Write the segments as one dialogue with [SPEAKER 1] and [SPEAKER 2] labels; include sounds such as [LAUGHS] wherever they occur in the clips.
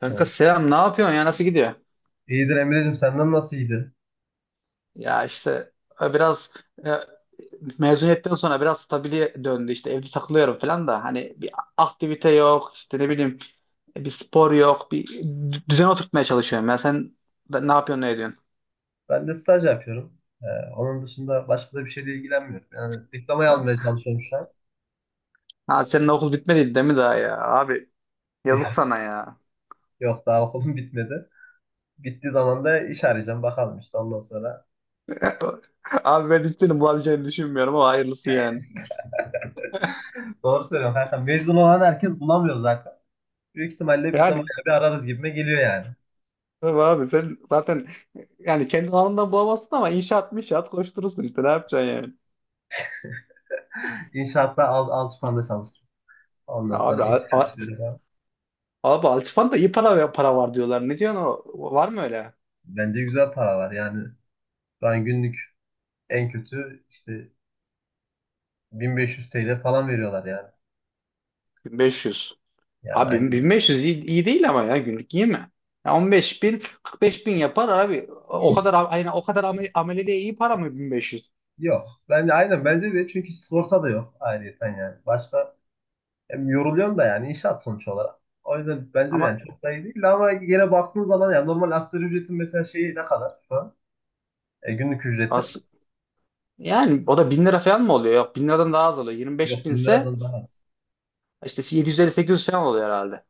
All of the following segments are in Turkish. [SPEAKER 1] Kanka
[SPEAKER 2] Tamam.
[SPEAKER 1] selam ne yapıyorsun ya nasıl gidiyor?
[SPEAKER 2] İyidir Emre'cim senden nasıl iyidir?
[SPEAKER 1] Ya işte biraz e, mezuniyetten sonra biraz stabile döndü işte evde takılıyorum falan da hani bir aktivite yok işte ne bileyim bir spor yok bir düzen oturtmaya çalışıyorum ya sen ne yapıyorsun ne ediyorsun?
[SPEAKER 2] Ben de staj yapıyorum. Ee, Onun dışında başka da bir şeyle ilgilenmiyorum. Yani diplomayı
[SPEAKER 1] Ha?
[SPEAKER 2] almaya çalışıyorum şu an.
[SPEAKER 1] Ha, senin okul bitmedi değil mi daha ya abi, yazık
[SPEAKER 2] [LAUGHS]
[SPEAKER 1] sana ya.
[SPEAKER 2] Yok daha okulum bitmedi. Bittiği zaman da iş arayacağım bakalım işte ondan sonra.
[SPEAKER 1] [LAUGHS] Abi, ben hiç bulabileceğini düşünmüyorum ama hayırlısı yani.
[SPEAKER 2] [LAUGHS] Doğru söylüyorum kanka, mezun olan herkes bulamıyor zaten. Büyük ihtimalle biz de
[SPEAKER 1] Yani
[SPEAKER 2] bayağı bir ararız gibime geliyor yani.
[SPEAKER 1] tabii abi, sen zaten yani kendi alanından bulamazsın ama inşaat inşaat koşturursun işte, ne yapacaksın yani.
[SPEAKER 2] İnşaatta alışmanda çalışıyorum. Ondan sonra
[SPEAKER 1] Abi
[SPEAKER 2] iş
[SPEAKER 1] a-
[SPEAKER 2] arayacağım falan.
[SPEAKER 1] Abi, Altıpan'da iyi para var diyorlar. Ne diyorsun o? Var mı öyle?
[SPEAKER 2] Bence güzel para var yani. Ben günlük en kötü işte 1500 TL falan veriyorlar yani.
[SPEAKER 1] 1.500.
[SPEAKER 2] Yani
[SPEAKER 1] Abi,
[SPEAKER 2] aynı.
[SPEAKER 1] 1.500 iyi, iyi değil ama ya, günlük iyi mi? Ya 15.000 45.000 yapar abi. O kadar aynen, o kadar ameleliğe iyi para mı 1.500?
[SPEAKER 2] Yok. Ben de aynen, bence de, çünkü sigorta da yok ayrıyeten yani. Başka, hem yoruluyorsun da yani inşaat sonuç olarak. O yüzden bence de yani
[SPEAKER 1] Ama
[SPEAKER 2] çok da iyi değil, ama yine baktığın zaman yani normal asgari ücretin mesela şeyi ne kadar şu an? Günlük ücreti.
[SPEAKER 1] as yani o da 1.000 lira falan mı oluyor? Yok, 1.000 liradan daha az oluyor. Yirmi beş
[SPEAKER 2] Yok
[SPEAKER 1] bin
[SPEAKER 2] bin
[SPEAKER 1] ise
[SPEAKER 2] liradan daha az.
[SPEAKER 1] işte yedi yüz, elli sekiz yüz falan oluyor herhalde.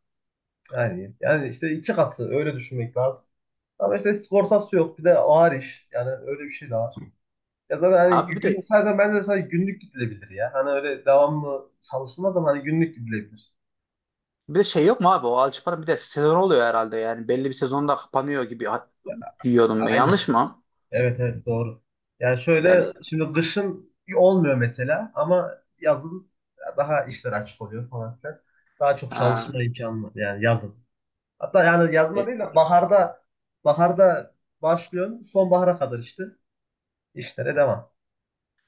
[SPEAKER 2] Yani işte iki katı, öyle düşünmek lazım. Ama işte sigortası yok, bir de ağır iş. Yani öyle bir şey de var. Ya zaten hani
[SPEAKER 1] Abi
[SPEAKER 2] gün, zaten bence de sadece günlük gidilebilir ya. Hani öyle devamlı çalışılmaz ama hani günlük gidilebilir.
[SPEAKER 1] bir de şey yok mu abi? O Alçıpan'ın bir de sezon oluyor herhalde. Yani belli bir sezonda kapanıyor gibi diyordum ben.
[SPEAKER 2] Aynen.
[SPEAKER 1] Yanlış mı?
[SPEAKER 2] Evet, evet, doğru. Yani
[SPEAKER 1] Yani
[SPEAKER 2] şöyle, şimdi kışın olmuyor mesela, ama yazın daha işler açık oluyor falan filan. Daha çok
[SPEAKER 1] ha.
[SPEAKER 2] çalışma imkanı var yani yazın. Hatta yani yazında değil de baharda başlıyorsun, sonbahara kadar işte işlere devam.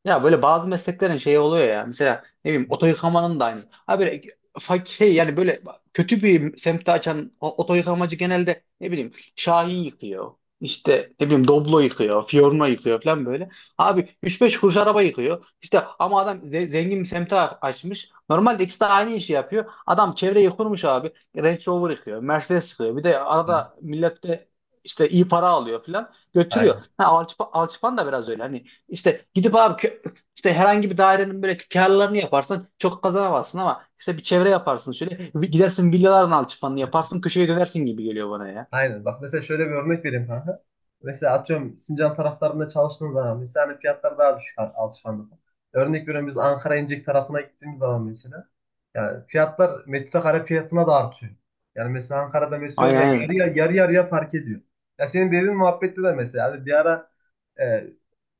[SPEAKER 1] Ya böyle bazı mesleklerin şeyi oluyor ya. Mesela ne bileyim oto yıkamanın da aynısı. Ha böyle şey yani, böyle kötü bir semtte açan oto yıkamacı genelde ne bileyim Şahin yıkıyor. İşte ne bileyim Doblo yıkıyor, Fiorno yıkıyor falan böyle. Abi üç beş kuruş araba yıkıyor. İşte ama adam zengin bir semte açmış. Normalde ikisi de aynı işi yapıyor. Adam çevreyi kurmuş abi. Range Rover yıkıyor, Mercedes yıkıyor. Bir de
[SPEAKER 2] Evet,
[SPEAKER 1] arada millette işte iyi para alıyor falan, götürüyor.
[SPEAKER 2] aynen.
[SPEAKER 1] Ha, Alçıpan da biraz öyle. Hani işte gidip abi, işte herhangi bir dairenin böyle karlarını yaparsın, çok kazanamazsın, ama işte bir çevre yaparsın, şöyle bir gidersin villaların alçıpanını yaparsın, köşeye dönersin gibi geliyor bana ya.
[SPEAKER 2] Aynen. Bak mesela şöyle bir örnek vereyim kanka. Mesela atıyorum Sincan taraflarında çalıştığın zaman mesela hani fiyatlar daha düşük alışverişte. Örnek veriyorum, biz Ankara İncek tarafına gittiğimiz zaman mesela yani fiyatlar metrekare fiyatına da artıyor. Yani mesela Ankara'da mesela
[SPEAKER 1] Aynen,
[SPEAKER 2] ya yarı
[SPEAKER 1] aynen.
[SPEAKER 2] yarı yarı yarıya fark ediyor. Ya senin dediğin muhabbette de mesela hani bir ara e,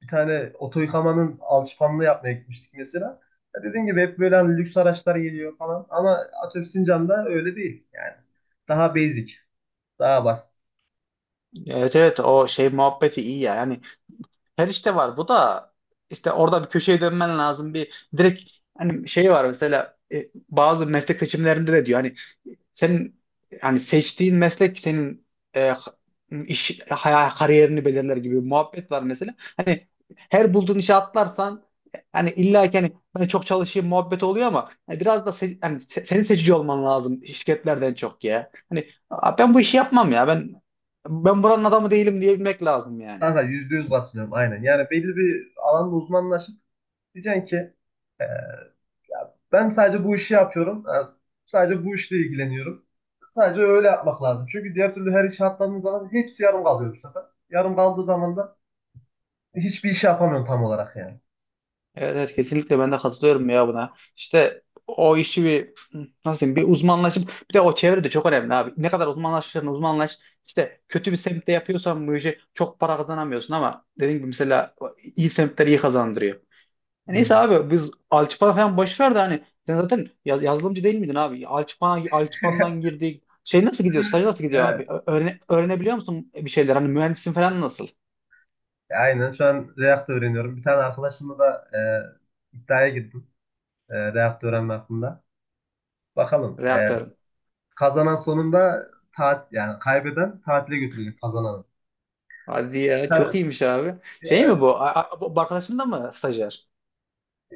[SPEAKER 2] bir tane oto yıkamanın alışkanlığı yapmaya gitmiştik mesela. Ya dediğim gibi hep böyle hani lüks araçlar geliyor falan ama atıyorum Sincan'da öyle değil yani. Daha basic. Daha basit.
[SPEAKER 1] Evet, evet, o şey muhabbeti iyi ya. Yani Perişte var, bu da işte orada bir köşeye dönmen lazım bir direkt. Hani şey var mesela, bazı meslek seçimlerinde de diyor hani, senin hani seçtiğin meslek senin e, kariyerini belirler gibi bir muhabbet var mesela. Hani her bulduğun işe atlarsan hani illa ki hani ben çok çalışayım muhabbet oluyor ama hani biraz da hani senin seçici olman lazım şirketlerden çok ya. Hani "Aa, ben bu işi yapmam ya, ben buranın adamı değilim" diyebilmek lazım yani.
[SPEAKER 2] Kanka %100 katılıyorum aynen. Yani belli bir alanda uzmanlaşıp diyeceksin ki ya ben sadece bu işi yapıyorum. Yani sadece bu işle ilgileniyorum. Sadece öyle yapmak lazım. Çünkü diğer türlü her işe atladığın zaman hepsi yarım kalıyor bu sefer. Yarım kaldığı zaman da hiçbir iş yapamıyorsun tam olarak yani.
[SPEAKER 1] Evet, evet, kesinlikle ben de katılıyorum ya buna. İşte o işi bir nasıl diyeyim, bir uzmanlaşıp, bir de o çevre de çok önemli abi. Ne kadar uzmanlaşırsan uzmanlaş, işte kötü bir semtte yapıyorsan bu işi çok para kazanamıyorsun, ama dediğim gibi mesela iyi semtler iyi kazandırıyor. Neyse
[SPEAKER 2] Hmm.
[SPEAKER 1] abi, biz Alçıpan'a falan boş ver de hani sen zaten yazılımcı değil miydin abi? Alçıpan'dan
[SPEAKER 2] [LAUGHS]
[SPEAKER 1] girdik. Şey nasıl gidiyor? Staj nasıl gidiyor
[SPEAKER 2] Ya,
[SPEAKER 1] abi? Öğrenebiliyor musun bir şeyler? Hani mühendisin falan nasıl?
[SPEAKER 2] aynen şu an React öğreniyorum. Bir tane arkadaşımla da iddiaya girdim React öğrenme hakkında. Bakalım
[SPEAKER 1] Reaktörün.
[SPEAKER 2] kazanan sonunda, tat yani kaybeden tatile götürecek kazananı.
[SPEAKER 1] Hadi ya, çok
[SPEAKER 2] Ben-
[SPEAKER 1] iyiymiş abi. Şey mi bu? Bu arkadaşın da mı stajyer?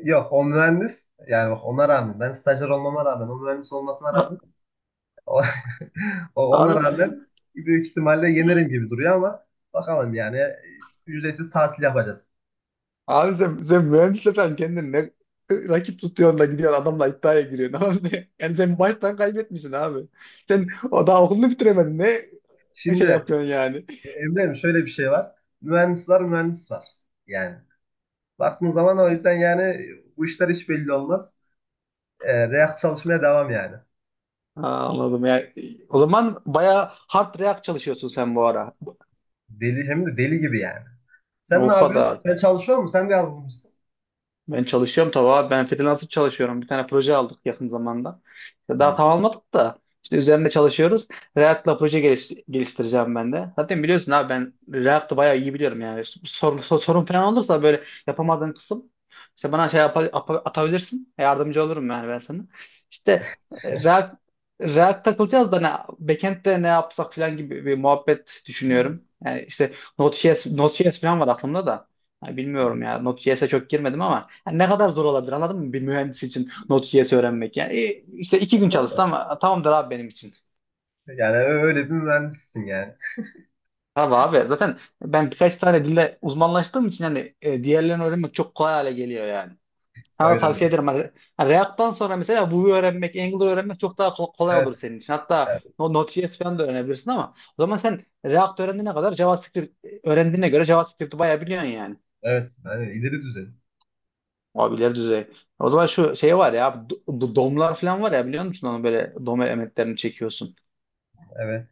[SPEAKER 2] Yok, o mühendis yani. Bak ona rağmen, ben stajyer olmama rağmen, o mühendis olmasına rağmen
[SPEAKER 1] [LAUGHS]
[SPEAKER 2] o, [LAUGHS] ona
[SPEAKER 1] Abi,
[SPEAKER 2] rağmen büyük ihtimalle yenerim gibi duruyor ama bakalım yani. Ücretsiz tatil yapacağız.
[SPEAKER 1] abi, sen mühendisle sen kendini ne rakip tutuyorsun da gidiyorsun adamla iddiaya giriyorsun? [LAUGHS] Abi sen, yani sen baştan kaybetmişsin abi. Sen o daha okulunu bitiremedin. Ne şey
[SPEAKER 2] Şimdi
[SPEAKER 1] yapıyorsun yani?
[SPEAKER 2] Emre'm şöyle bir şey var. Mühendis var, mühendis var. Yani baktığın zaman o yüzden yani bu işler hiç belli olmaz. E, React çalışmaya devam yani.
[SPEAKER 1] Ha, anladım. Yani, o zaman bayağı hard react çalışıyorsun sen bu ara.
[SPEAKER 2] Deli, hem de deli gibi yani. Sen ne
[SPEAKER 1] O
[SPEAKER 2] yapıyorsun?
[SPEAKER 1] kadar.
[SPEAKER 2] Sen çalışıyor musun? Sen de yazılımcısın.
[SPEAKER 1] Ben çalışıyorum tabii abi. Ben freelancer çalışıyorum. Bir tane proje aldık yakın zamanda. İşte daha
[SPEAKER 2] Hı,
[SPEAKER 1] tamamladık da işte üzerinde çalışıyoruz. React'la proje geliştireceğim ben de. Zaten biliyorsun abi, ben React'ı bayağı iyi biliyorum yani. Sorun falan olursa böyle yapamadığın kısım işte bana şey atabilirsin. Yardımcı olurum yani ben sana. İşte e, React, React takılacağız da ne, backend'de ne yapsak falan gibi bir muhabbet düşünüyorum. Yani işte Node.js falan var aklımda da. Ha, bilmiyorum ya. Node.js'e çok girmedim ama ha, ne kadar zor olabilir anladın mı? Bir mühendis için Node.js öğrenmek. Yani işte iki
[SPEAKER 2] ya
[SPEAKER 1] gün
[SPEAKER 2] doğru.
[SPEAKER 1] çalışsam tamamdır abi benim için.
[SPEAKER 2] Yani öyle bir mühendissin yani.
[SPEAKER 1] Tabii abi zaten ben birkaç tane dilde uzmanlaştığım için hani diğerlerini öğrenmek çok kolay hale geliyor yani. Sana da
[SPEAKER 2] Öyle
[SPEAKER 1] tavsiye
[SPEAKER 2] öyle.
[SPEAKER 1] ederim. Hani React'tan sonra mesela Vue'yu öğrenmek, Angular'ı öğrenmek çok daha kolay olur
[SPEAKER 2] Evet.
[SPEAKER 1] senin için. Hatta
[SPEAKER 2] Yani,
[SPEAKER 1] o Node.js falan da öğrenebilirsin ama o zaman sen React öğrendiğine kadar JavaScript öğrendiğine göre JavaScript'i bayağı biliyorsun yani.
[SPEAKER 2] evet. Yani ileri düzey.
[SPEAKER 1] Abi ileri düzey. O zaman şu şey var ya abi, bu domlar falan var ya biliyor musun, onu böyle dom elementlerini çekiyorsun.
[SPEAKER 2] Evet.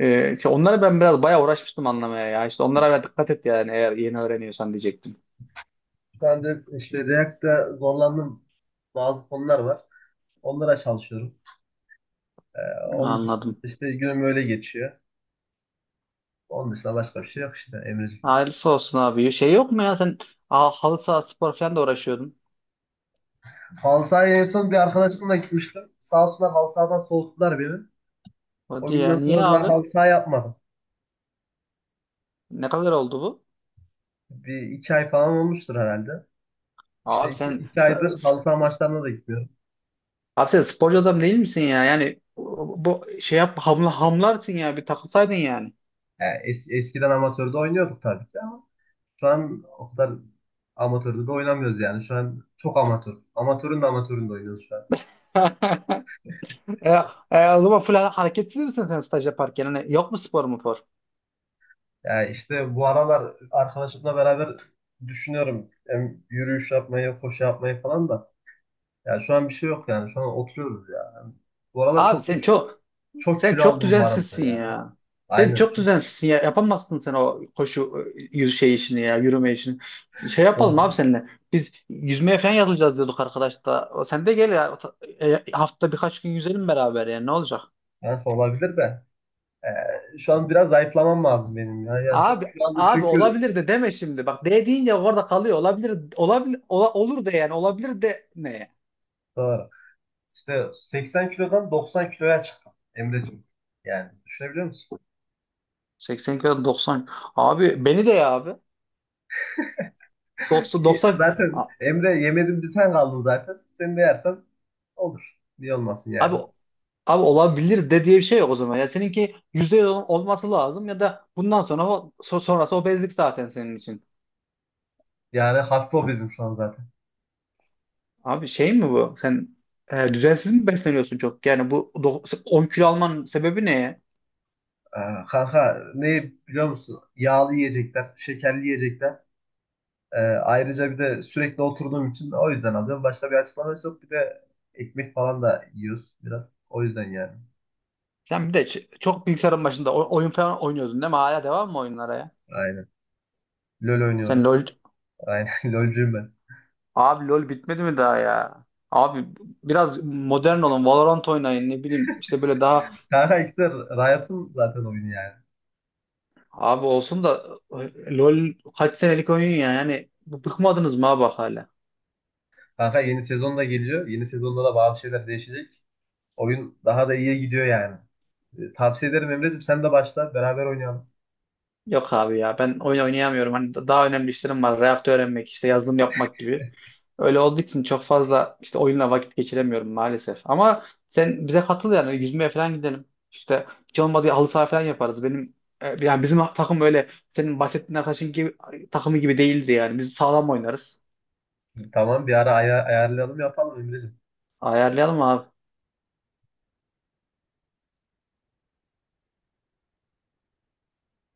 [SPEAKER 1] İşte onları ben biraz bayağı uğraşmıştım anlamaya ya. İşte onlara biraz dikkat et yani, eğer yeni öğreniyorsan diyecektim.
[SPEAKER 2] Şu anda işte React'ta zorlandığım bazı konular var. Onlara çalışıyorum. Ee, Onun dışında
[SPEAKER 1] Anladım.
[SPEAKER 2] işte günüm öyle geçiyor. Onun dışında başka bir şey yok işte Emre'ciğim.
[SPEAKER 1] Hayırlısı olsun abi. Şey yok mu ya, sen halı saha spor falan da uğraşıyordun.
[SPEAKER 2] Halı sahaya en son bir arkadaşımla gitmiştim. Sağ olsunlar halı sahadan soğuttular beni. O
[SPEAKER 1] Hadi ya,
[SPEAKER 2] günden
[SPEAKER 1] niye
[SPEAKER 2] sonra daha
[SPEAKER 1] abi?
[SPEAKER 2] halı saha yapmadım.
[SPEAKER 1] Ne kadar oldu bu?
[SPEAKER 2] Bir iki ay falan olmuştur herhalde. İşte
[SPEAKER 1] Abi
[SPEAKER 2] iki,
[SPEAKER 1] sen
[SPEAKER 2] iki aydır halı saha maçlarına da gitmiyorum.
[SPEAKER 1] abi sen sporcu adam değil misin ya? Yani bu şey yap, hamla hamlarsın ya, bir takılsaydın yani.
[SPEAKER 2] Yani eskiden amatörde oynuyorduk tabii ki ama şu an o kadar amatörde de oynamıyoruz yani. Şu an çok amatör. Amatörün de amatöründe oynuyoruz şu an.
[SPEAKER 1] [LAUGHS] E, o zaman full hareketsiz misin sen staj yaparken? Hani yok mu spor mu for?
[SPEAKER 2] Yani işte bu aralar arkadaşımla beraber düşünüyorum. Hem yürüyüş yapmayı, koşu yapmayı falan da. Yani şu an bir şey yok yani. Şu an oturuyoruz yani. Bu aralar
[SPEAKER 1] Abi
[SPEAKER 2] çok çok
[SPEAKER 1] sen
[SPEAKER 2] kilo
[SPEAKER 1] çok
[SPEAKER 2] aldım bu aralar
[SPEAKER 1] düzensizsin
[SPEAKER 2] yani.
[SPEAKER 1] ya. Sen
[SPEAKER 2] Aynen.
[SPEAKER 1] çok düzensizsin ya. Yapamazsın sen o koşu yüz şey işini ya, yürüme işini. Şey
[SPEAKER 2] Çok,
[SPEAKER 1] yapalım abi seninle. Biz yüzmeye falan yazılacağız diyorduk arkadaş da. O, sen de gel ya. Hafta birkaç gün yüzelim beraber ya. Ne olacak?
[SPEAKER 2] çok olabilir de. Şu an biraz zayıflamam lazım benim ya. Yani çok
[SPEAKER 1] Abi
[SPEAKER 2] şu anda
[SPEAKER 1] abi
[SPEAKER 2] çünkü
[SPEAKER 1] olabilir de deme şimdi. Bak "de" deyince orada kalıyor. Olabilir olabilir olur de yani, olabilir de ne?
[SPEAKER 2] doğru. İşte 80 kilodan 90 kiloya çıktım Emre'cim. Yani düşünebiliyor musun?
[SPEAKER 1] 80 kilo 90. Abi beni de ya abi. 90 90.
[SPEAKER 2] Zaten
[SPEAKER 1] A-
[SPEAKER 2] Emre yemedim, bir sen kaldın zaten. Sen de yersen olur. Niye olmasın yani?
[SPEAKER 1] abi abi, olabilir de diye bir şey yok o zaman. Ya seninki %100 olması lazım ya da bundan sonra o, sonrası obezlik zaten senin için.
[SPEAKER 2] Yani hafif obezim şu an zaten.
[SPEAKER 1] Abi şey mi bu? Sen düzensiz mi besleniyorsun çok? Yani bu 10 kilo almanın sebebi ne ya?
[SPEAKER 2] Kanka ne biliyor musun? Yağlı yiyecekler, şekerli yiyecekler. Ayrıca bir de sürekli oturduğum için o yüzden alıyorum. Başka bir açıklaması yok. Bir de ekmek falan da yiyoruz biraz. O yüzden yani.
[SPEAKER 1] Sen bir de çok bilgisayarın başında oyun falan oynuyordun değil mi? Hala devam mı oyunlara ya?
[SPEAKER 2] Aynen. LoL
[SPEAKER 1] Sen
[SPEAKER 2] oynuyoruz.
[SPEAKER 1] LoL
[SPEAKER 2] Aynen [LAUGHS] LoL'cuyum ben.
[SPEAKER 1] abi LoL bitmedi mi daha ya? Abi biraz modern olun, Valorant oynayın, ne bileyim işte böyle daha.
[SPEAKER 2] Kanka ikisi de Riot'un zaten oyunu yani.
[SPEAKER 1] Abi olsun da LoL kaç senelik oyun ya yani, bıkmadınız mı abi bak hala?
[SPEAKER 2] Kanka yeni sezon da geliyor. Yeni sezonda da bazı şeyler değişecek. Oyun daha da iyiye gidiyor yani. E, tavsiye ederim Emre'cim, sen de başla beraber oynayalım.
[SPEAKER 1] Yok abi ya, ben oyun oynayamıyorum. Hani daha önemli işlerim var. Reaktör öğrenmek işte, yazılım yapmak gibi. Öyle olduğu için çok fazla işte oyunla vakit geçiremiyorum maalesef. Ama sen bize katıl yani, yüzmeye falan gidelim. İşte hiç olmadı halı saha falan yaparız. Benim yani bizim takım öyle senin bahsettiğin arkadaşın gibi takımı gibi değildi yani. Biz sağlam oynarız.
[SPEAKER 2] Tamam bir ara ayarlayalım yapalım Emre'cim.
[SPEAKER 1] Ayarlayalım abi.